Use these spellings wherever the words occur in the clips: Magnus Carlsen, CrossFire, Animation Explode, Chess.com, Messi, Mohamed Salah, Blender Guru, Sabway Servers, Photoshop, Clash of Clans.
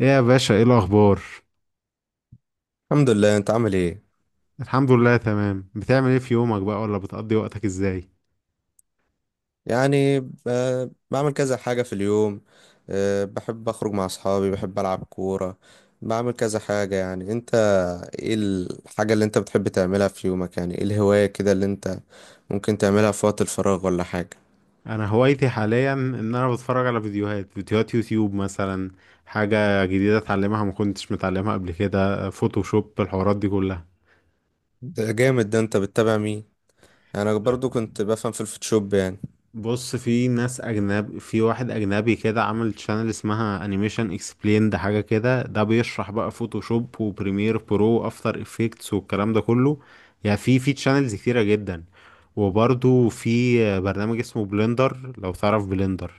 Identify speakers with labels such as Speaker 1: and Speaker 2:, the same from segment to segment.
Speaker 1: ايه يا باشا، ايه الاخبار؟
Speaker 2: الحمد لله. انت عامل ايه؟
Speaker 1: الحمد لله، تمام. بتعمل ايه في يومك بقى، ولا بتقضي وقتك ازاي؟
Speaker 2: يعني بعمل كذا حاجة في اليوم. بحب اخرج مع اصحابي، بحب العب كورة. بعمل كذا حاجة يعني. انت ايه الحاجة اللي انت بتحب تعملها في يومك؟ يعني ايه الهواية كده اللي انت ممكن تعملها في وقت الفراغ ولا حاجة؟
Speaker 1: انا هوايتي حاليا ان انا بتفرج على فيديوهات يوتيوب مثلا. حاجة جديدة اتعلمها، ما كنتش متعلمها قبل كده، فوتوشوب، الحوارات دي كلها.
Speaker 2: ده جامد. ده انت بتتابع مين؟ انا برضو كنت بفهم في الفوتوشوب يعني.
Speaker 1: بص، في ناس اجنب. في واحد اجنبي كده عمل شانل اسمها انيميشن اكسبليند حاجه كده، ده بيشرح بقى فوتوشوب وبريمير برو وافتر افكتس والكلام ده كله. يعني في شانلز كتيره جدا. وبرضو في برنامج اسمه بلندر، لو تعرف بلندر.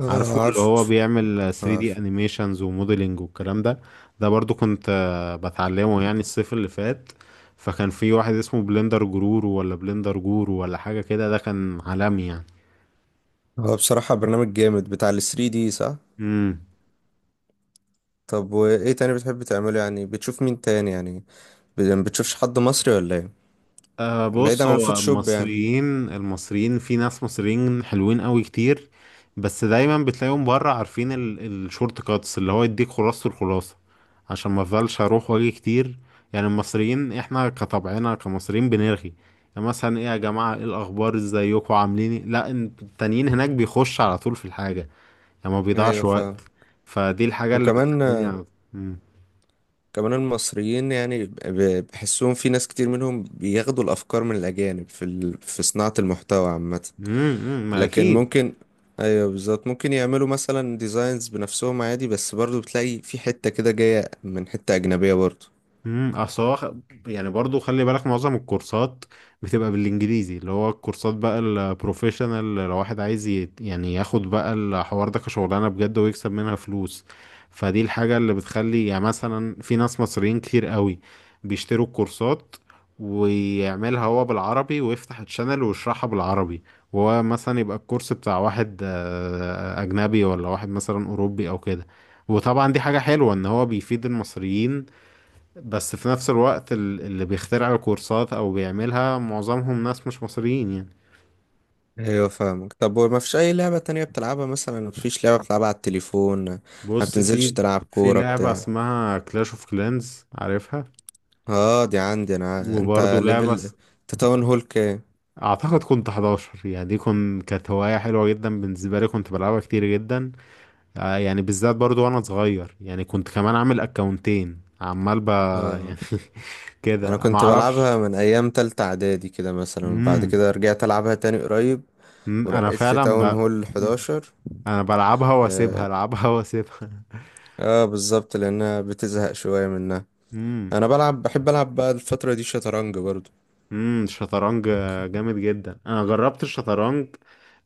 Speaker 2: اه،
Speaker 1: عارفه اللي
Speaker 2: عارف
Speaker 1: هو بيعمل 3D
Speaker 2: عارف.
Speaker 1: انيميشنز وموديلنج والكلام ده. ده برضو كنت بتعلمه يعني الصيف اللي فات. فكان في واحد اسمه بلندر جرور، ولا بلندر جورو ولا حاجه كده، ده كان عالمي يعني.
Speaker 2: هو بصراحة برنامج جامد بتاع ال 3 دي، صح؟
Speaker 1: امم.
Speaker 2: طب وايه تاني بتحب تعمله؟ يعني بتشوف مين تاني؟ يعني بتشوفش حد مصري ولا ايه؟
Speaker 1: أه،
Speaker 2: بعيدا
Speaker 1: بص.
Speaker 2: عن
Speaker 1: هو
Speaker 2: الفوتوشوب يعني.
Speaker 1: المصريين، في ناس مصريين حلوين قوي كتير. بس دايما بتلاقيهم بره. عارفين الشورت كاتس اللي هو يديك خلاصة الخلاصة، عشان ما افضلش اروح واجي كتير. يعني المصريين احنا كطبعنا كمصريين بنرغي. يعني مثلا: ايه يا جماعة، ايه الاخبار، ازيكم، عاملين إيه؟ لا، التانيين هناك بيخش على طول في الحاجة، يعني ما بيضيعش
Speaker 2: ايوه
Speaker 1: وقت.
Speaker 2: فاهم.
Speaker 1: فدي الحاجة اللي
Speaker 2: وكمان
Speaker 1: بتخليني على- مم.
Speaker 2: كمان المصريين، يعني بحسهم في ناس كتير منهم بياخدوا الافكار من الاجانب في في صناعة المحتوى عامة.
Speaker 1: امم، ما
Speaker 2: لكن
Speaker 1: اكيد.
Speaker 2: ممكن، ايوه بالظبط، ممكن يعملوا مثلا ديزاينز بنفسهم عادي، بس برضو بتلاقي في حتة كده جاية من حتة اجنبية برضو.
Speaker 1: اصل هو خ- يعني برضو خلي بالك، معظم الكورسات بتبقى بالانجليزي، اللي هو الكورسات بقى البروفيشنال. لو واحد عايز يعني ياخد بقى الحوار ده كشغلانه بجد ويكسب منها فلوس، فدي الحاجه اللي بتخلي يعني مثلا في ناس مصريين كتير قوي بيشتروا الكورسات ويعملها هو بالعربي ويفتح الشانل ويشرحها بالعربي. وهو مثلا يبقى الكورس بتاع واحد اجنبي، ولا واحد مثلا اوروبي او كده. وطبعا دي حاجه حلوه ان هو بيفيد المصريين، بس في نفس الوقت اللي بيخترع الكورسات او بيعملها معظمهم ناس مش مصريين يعني.
Speaker 2: ايوه فاهمك. طب ما فيش اي لعبة تانية بتلعبها مثلا؟ ما فيش لعبة بتلعبها على التليفون؟ ما
Speaker 1: بص،
Speaker 2: بتنزلش
Speaker 1: في
Speaker 2: تلعب
Speaker 1: في
Speaker 2: كورة
Speaker 1: لعبة
Speaker 2: بتاع؟
Speaker 1: اسمها كلاش اوف كلانز، عارفها؟
Speaker 2: اه دي عندي انا. انت
Speaker 1: وبرضه لعبة
Speaker 2: ليفل، انت تاون هول كام؟
Speaker 1: اعتقد كنت 11. يعني دي كانت هواية حلوة جدا بالنسبة لي، كنت بلعبها كتير جدا. يعني بالذات برضه وانا صغير، يعني كنت كمان عامل اكونتين، عمال ب
Speaker 2: اه
Speaker 1: يعني. كده،
Speaker 2: انا
Speaker 1: ما
Speaker 2: كنت
Speaker 1: اعرفش.
Speaker 2: بلعبها من ايام تالتة اعدادي كده مثلا، بعد
Speaker 1: امم.
Speaker 2: كده رجعت العبها تاني قريب.
Speaker 1: انا
Speaker 2: ورقيت لي
Speaker 1: فعلا
Speaker 2: تاون
Speaker 1: ب...
Speaker 2: هول
Speaker 1: مم.
Speaker 2: 11.
Speaker 1: انا بلعبها
Speaker 2: اه،
Speaker 1: واسيبها، العبها واسيبها.
Speaker 2: آه بالظبط لانها بتزهق شوية منها.
Speaker 1: امم.
Speaker 2: انا بلعب، بحب العب بقى الفترة دي شطرنج برضو.
Speaker 1: امم، الشطرنج جامد جدا، انا جربت الشطرنج.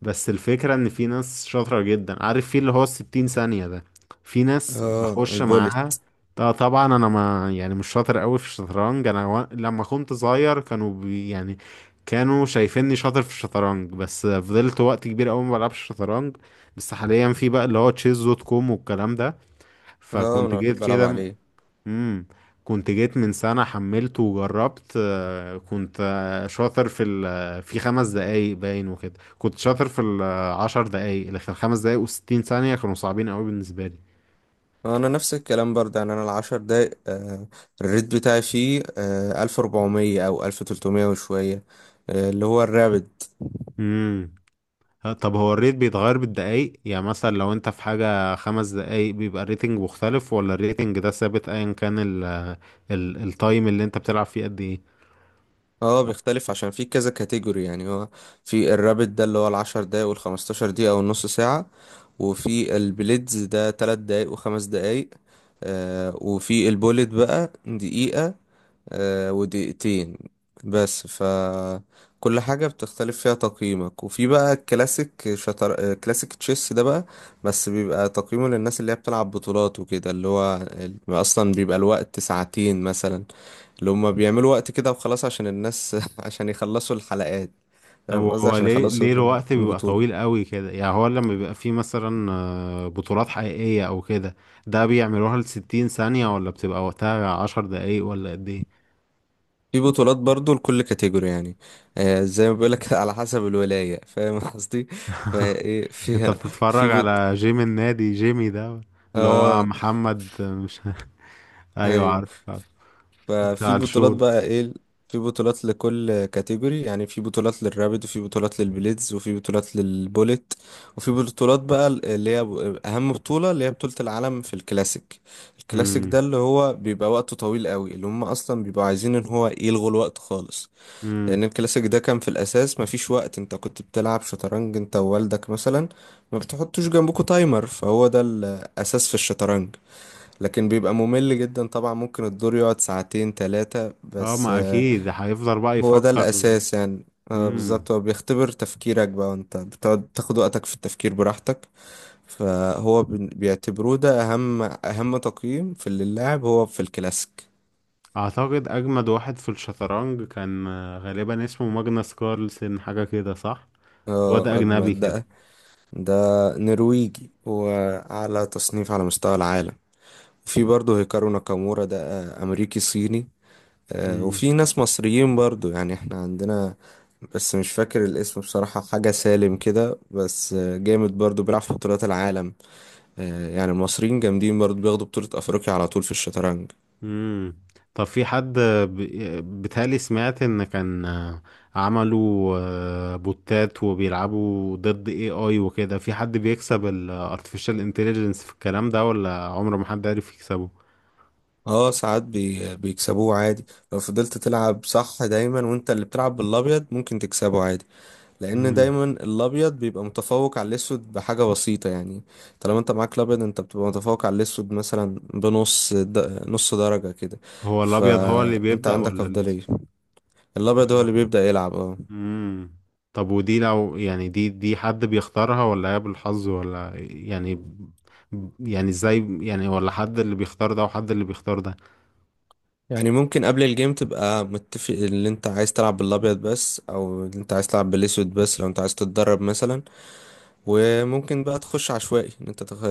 Speaker 1: بس الفكرة ان في ناس شاطرة جدا، عارف، في اللي هو ال60 ثانية ده، في ناس
Speaker 2: اه
Speaker 1: بخش
Speaker 2: البوليت.
Speaker 1: معاها. طبعا انا ما يعني مش شاطر قوي في الشطرنج. انا و... لما كنت صغير كانوا بي... يعني كانوا شايفيني شاطر في الشطرنج. بس فضلت وقت كبير قوي ما بلعبش الشطرنج. بس حاليا في بقى اللي هو تشيز دوت كوم والكلام ده،
Speaker 2: اه
Speaker 1: فكنت
Speaker 2: انا
Speaker 1: جيت
Speaker 2: بحب العب
Speaker 1: كده.
Speaker 2: عليه.
Speaker 1: امم. كنت جيت من سنة، حملته وجربت، كنت شاطر في ال في 5 دقايق باين وكده. كنت شاطر في ال10 دقايق، لكن ال5 دقايق و60 ثانية كانوا صعبين قوي بالنسبة لي.
Speaker 2: انا نفس الكلام برضه. يعني انا العشر دقايق، الريت بتاعي فيه 1400 او 1300 وشوية. آه اللي هو الرابد.
Speaker 1: امم. طب هو الريت بيتغير بالدقايق؟ يعني مثلا لو انت في حاجة 5 دقايق بيبقى الريتنج مختلف، ولا الريتنج ده ثابت ايا كان ال التايم اللي انت بتلعب فيه قد ايه؟
Speaker 2: اه بيختلف عشان في كذا كاتيجوري. يعني هو في الرابت ده اللي هو العشر دقايق والخمستاشر دقيقة والنص ساعة. وفي البليدز ده تلات دقايق وخمس دقايق. آه وفي البوليت بقى دقيقة ودقيقتين. بس ف كل حاجة بتختلف فيها تقييمك. وفي بقى الكلاسيك، شطر... آه، كلاسيك تشيس ده بقى. بس بيبقى تقييمه للناس اللي هي بتلعب بطولات وكده، اللي هو أصلا بيبقى الوقت ساعتين مثلا، اللي هما بيعملوا وقت كده وخلاص عشان الناس عشان يخلصوا الحلقات.
Speaker 1: طب
Speaker 2: فاهم قصدي؟
Speaker 1: هو
Speaker 2: عشان
Speaker 1: ليه
Speaker 2: يخلصوا
Speaker 1: ليه الوقت بيبقى طويل
Speaker 2: البطولة.
Speaker 1: قوي كده؟ يعني هو لما بيبقى فيه مثلا بطولات حقيقية أو كده، ده بيعملوها ل60 ثانية، ولا بتبقى وقتها 10 دقايق، ولا قد إيه؟
Speaker 2: في بطولات برضو لكل كاتيجوري يعني. آه زي ما بيقولك على حسب الولاية، فاهم قصدي. فايه
Speaker 1: أنت
Speaker 2: فيها. في
Speaker 1: بتتفرج
Speaker 2: بط...
Speaker 1: على جيم النادي، جيمي ده اللي هو
Speaker 2: اه
Speaker 1: محمد، مش...؟ أيوه،
Speaker 2: ايوه،
Speaker 1: عارف عارف،
Speaker 2: ففي
Speaker 1: بتاع
Speaker 2: بطولات
Speaker 1: الشورت.
Speaker 2: بقى ايه. في بطولات لكل كاتيجوري، يعني في بطولات للرابد، وفي بطولات للبليدز، وفي بطولات للبوليت. وفي بطولات بقى اللي هي اهم بطولة، اللي هي بطولة العالم في الكلاسيك. الكلاسيك ده
Speaker 1: امم.
Speaker 2: اللي هو بيبقى وقته طويل قوي، اللي هم اصلا بيبقوا عايزين ان هو يلغوا الوقت خالص.
Speaker 1: امم.
Speaker 2: لان الكلاسيك ده كان في الاساس مفيش وقت، انت كنت بتلعب شطرنج انت ووالدك مثلا، ما بتحطوش جنبكوا تايمر، فهو ده الاساس في الشطرنج. لكن بيبقى ممل جدا طبعا، ممكن الدور يقعد ساعتين ثلاثة
Speaker 1: اه،
Speaker 2: بس.
Speaker 1: ما أكيد هيفضل بقى
Speaker 2: هو ده
Speaker 1: يفكر.
Speaker 2: الأساس يعني.
Speaker 1: امم.
Speaker 2: بالظبط، هو بيختبر تفكيرك بقى وانت بتقعد تاخد وقتك في التفكير براحتك. فهو بيعتبروه ده أهم أهم تقييم في اللي اللاعب هو في الكلاسيك.
Speaker 1: أعتقد أجمد واحد في الشطرنج كان غالبا اسمه ماجنس كارلسن حاجة كده، صح؟ واد
Speaker 2: اه
Speaker 1: أجنبي
Speaker 2: أجمد
Speaker 1: كده.
Speaker 2: ده. ده نرويجي وأعلى تصنيف على مستوى العالم. في برضه هيكارو ناكامورا ده، أمريكي صيني. وفي ناس مصريين برضو، يعني احنا عندنا، بس مش فاكر الاسم بصراحة، حاجة سالم كده، بس جامد برضو بيلعب في بطولات العالم. يعني المصريين جامدين برضو، بياخدوا بطولة أفريقيا على طول في الشطرنج.
Speaker 1: امم. طب في حد، بيتهيألي سمعت ان كان عملوا بوتات وبيلعبوا ضد اي اي وكده، في حد بيكسب الارتفيشال انتليجنس في الكلام ده، ولا عمر ما حد عرف يكسبه؟
Speaker 2: اه ساعات بيكسبوه عادي. لو فضلت تلعب صح دايما وانت اللي بتلعب بالأبيض ممكن تكسبه عادي. لان
Speaker 1: امم.
Speaker 2: دايما الابيض بيبقى متفوق على الاسود بحاجه بسيطه يعني. طالما انت معاك الابيض انت بتبقى متفوق على الاسود مثلا نص درجه كده.
Speaker 1: هو الابيض هو اللي
Speaker 2: فانت
Speaker 1: بيبدأ،
Speaker 2: عندك
Speaker 1: ولا اللي...
Speaker 2: افضليه. الابيض هو
Speaker 1: ولا؟
Speaker 2: اللي بيبدا يلعب اه.
Speaker 1: امم. طب ودي، لو يعني، دي حد بيختارها، ولا هي بالحظ، ولا يعني، يعني ازاي يعني؟ ولا حد اللي بيختار ده وحد اللي بيختار
Speaker 2: يعني ممكن قبل الجيم تبقى متفق اللي انت عايز تلعب بالابيض بس، او اللي انت عايز تلعب بالاسود بس، لو انت عايز تتدرب مثلا. وممكن بقى تخش عشوائي ان انت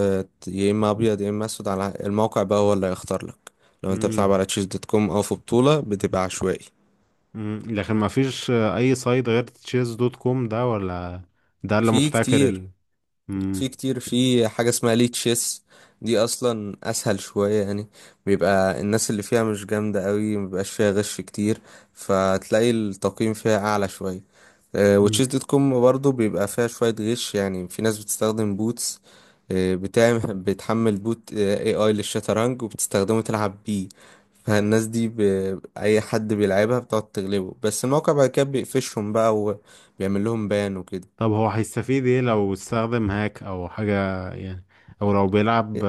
Speaker 2: يا اما ابيض يا اما اسود، على الموقع بقى هو اللي هيختار لك. لو انت
Speaker 1: ده؟
Speaker 2: بتلعب على تشيز دوت كوم او في بطولة بتبقى عشوائي.
Speaker 1: مم. لكن ما فيش اي سايت غير تشيز دوت كوم ده، ولا؟ ده اللي
Speaker 2: في
Speaker 1: محتكر
Speaker 2: كتير.
Speaker 1: ال... مم.
Speaker 2: في كتير. في حاجة اسمها ليه تشيس، دي اصلا اسهل شوية يعني. بيبقى الناس اللي فيها مش جامدة قوي، مبيبقاش فيها غش كتير، فتلاقي التقييم فيها اعلى شوية. وتشيس
Speaker 1: مم.
Speaker 2: دوت كوم برضه بيبقى فيها شوية غش، يعني في ناس بتستخدم بوتس. بتحمل بوت اي اي للشطرنج وبتستخدمه تلعب بيه. فالناس دي ب... اي حد بيلعبها بتقعد تغلبه، بس الموقع بعد كده بيقفشهم بقى وبيعمل لهم بان وكده.
Speaker 1: طب هو هيستفيد ايه لو استخدم هاك او حاجة يعني، او لو بيلعب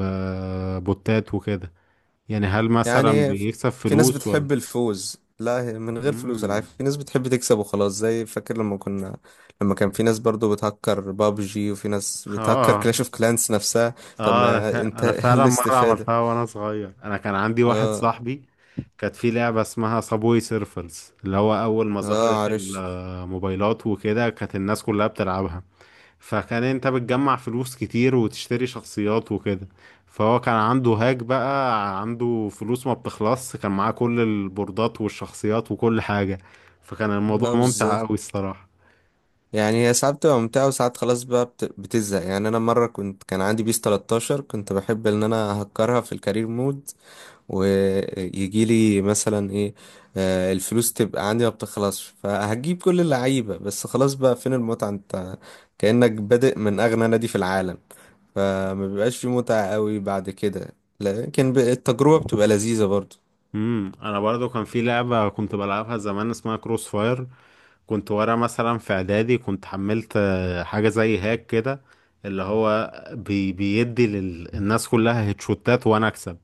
Speaker 1: ببوتات وكده، يعني هل مثلا
Speaker 2: يعني
Speaker 1: بيكسب
Speaker 2: في ناس
Speaker 1: فلوس ولا؟
Speaker 2: بتحب الفوز، لا هي من غير فلوس العاب،
Speaker 1: مم.
Speaker 2: في ناس بتحب تكسب وخلاص. زي فاكر لما كنا، لما كان في ناس برضو بتهكر بابجي وفي ناس بتهكر
Speaker 1: اه.
Speaker 2: كلاش اوف كلانس نفسها. طب
Speaker 1: اه، انا
Speaker 2: ما انت
Speaker 1: انا فعلا مره
Speaker 2: الاستفادة.
Speaker 1: عملتها وانا صغير. انا كان عندي واحد
Speaker 2: اه
Speaker 1: صاحبي، كانت في لعبه اسمها صابوي سيرفرز، اللي هو اول ما
Speaker 2: اه
Speaker 1: ظهرت
Speaker 2: عارف.
Speaker 1: الموبايلات وكده، كانت الناس كلها بتلعبها. فكان انت بتجمع فلوس كتير وتشتري شخصيات وكده، فهو كان عنده هاك، بقى عنده فلوس ما بتخلص، كان معاه كل البوردات والشخصيات وكل حاجه. فكان الموضوع
Speaker 2: اه
Speaker 1: ممتع
Speaker 2: بالظبط.
Speaker 1: قوي الصراحه.
Speaker 2: يعني هي ساعات بتبقى ممتعة، وساعات خلاص بقى بتزهق. يعني انا مرة كان عندي بيس 13، كنت بحب ان انا اهكرها في الكارير مود، ويجي لي مثلا ايه. الفلوس تبقى عندي ما بتخلصش، فهجيب كل اللعيبة، بس خلاص بقى فين المتعة انت؟ كأنك بادئ من أغنى نادي في العالم. فما بيبقاش في متعة قوي بعد كده. لكن التجربة بتبقى لذيذة برضو.
Speaker 1: انا برضو كان في لعبه كنت بلعبها زمان اسمها كروس فاير، كنت ورا مثلا في اعدادي، كنت حملت حاجة زي هاك كده، اللي هو بيدي للناس كلها هيتشوتات وانا اكسب.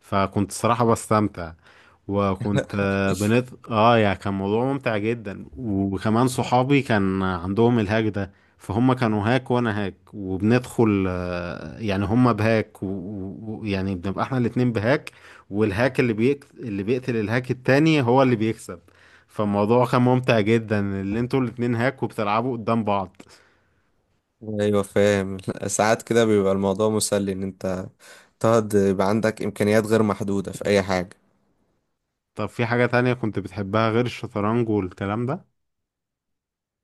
Speaker 1: فكنت صراحة بستمتع، وكنت بنت يعني، كان موضوع ممتع جدا. وكمان صحابي كان عندهم الهاك ده، فهم كانوا هاك وانا هاك، وبندخل يعني هم بهاك ويعني بنبقى احنا الاتنين بهاك. والهاك اللي بيقتل الهاك التاني هو اللي بيكسب. فالموضوع كان ممتع جدا، اللي انتوا الاتنين هاك وبتلعبوا قدام بعض.
Speaker 2: ايوه فاهم. ساعات كده بيبقى الموضوع مسلي، ان انت تقعد يبقى عندك امكانيات غير محدودة في اي حاجة.
Speaker 1: طب في حاجة تانية كنت بتحبها غير الشطرنج والكلام ده؟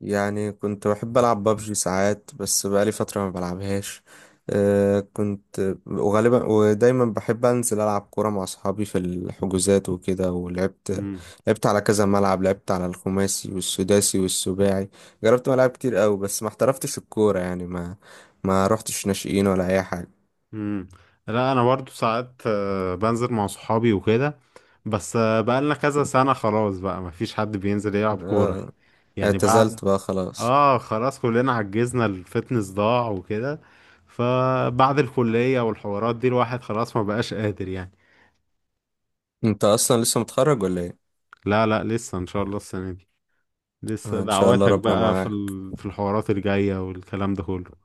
Speaker 2: يعني كنت بحب ألعب بابجي ساعات، بس بقالي فترة ما بلعبهاش. أه كنت وغالبا ودايما بحب أنزل ألعب كورة مع أصحابي في الحجوزات وكده، ولعبت.
Speaker 1: مم.
Speaker 2: لعبت على كذا ملعب، لعبت على الخماسي والسداسي والسباعي. جربت ملاعب كتير أوي، بس ما احترفتش الكورة، يعني ما رحتش ناشئين ولا أي حاجة.
Speaker 1: مم. لا، انا برضو ساعات بنزل مع صحابي وكده، بس بقالنا كذا سنة خلاص بقى مفيش حد بينزل يلعب كورة،
Speaker 2: أه
Speaker 1: يعني بعد...
Speaker 2: اعتزلت بقى خلاص.
Speaker 1: اه، خلاص كلنا عجزنا، الفتنس ضاع وكده، فبعد الكلية والحوارات دي الواحد خلاص ما بقاش قادر يعني.
Speaker 2: أنت أصلا لسه متخرج ولا إيه؟
Speaker 1: لا، لا، لسه ان شاء الله السنة دي. لسه
Speaker 2: إن شاء الله
Speaker 1: دعواتك
Speaker 2: ربنا
Speaker 1: بقى
Speaker 2: معاك.
Speaker 1: في الحوارات الجاية والكلام ده كله.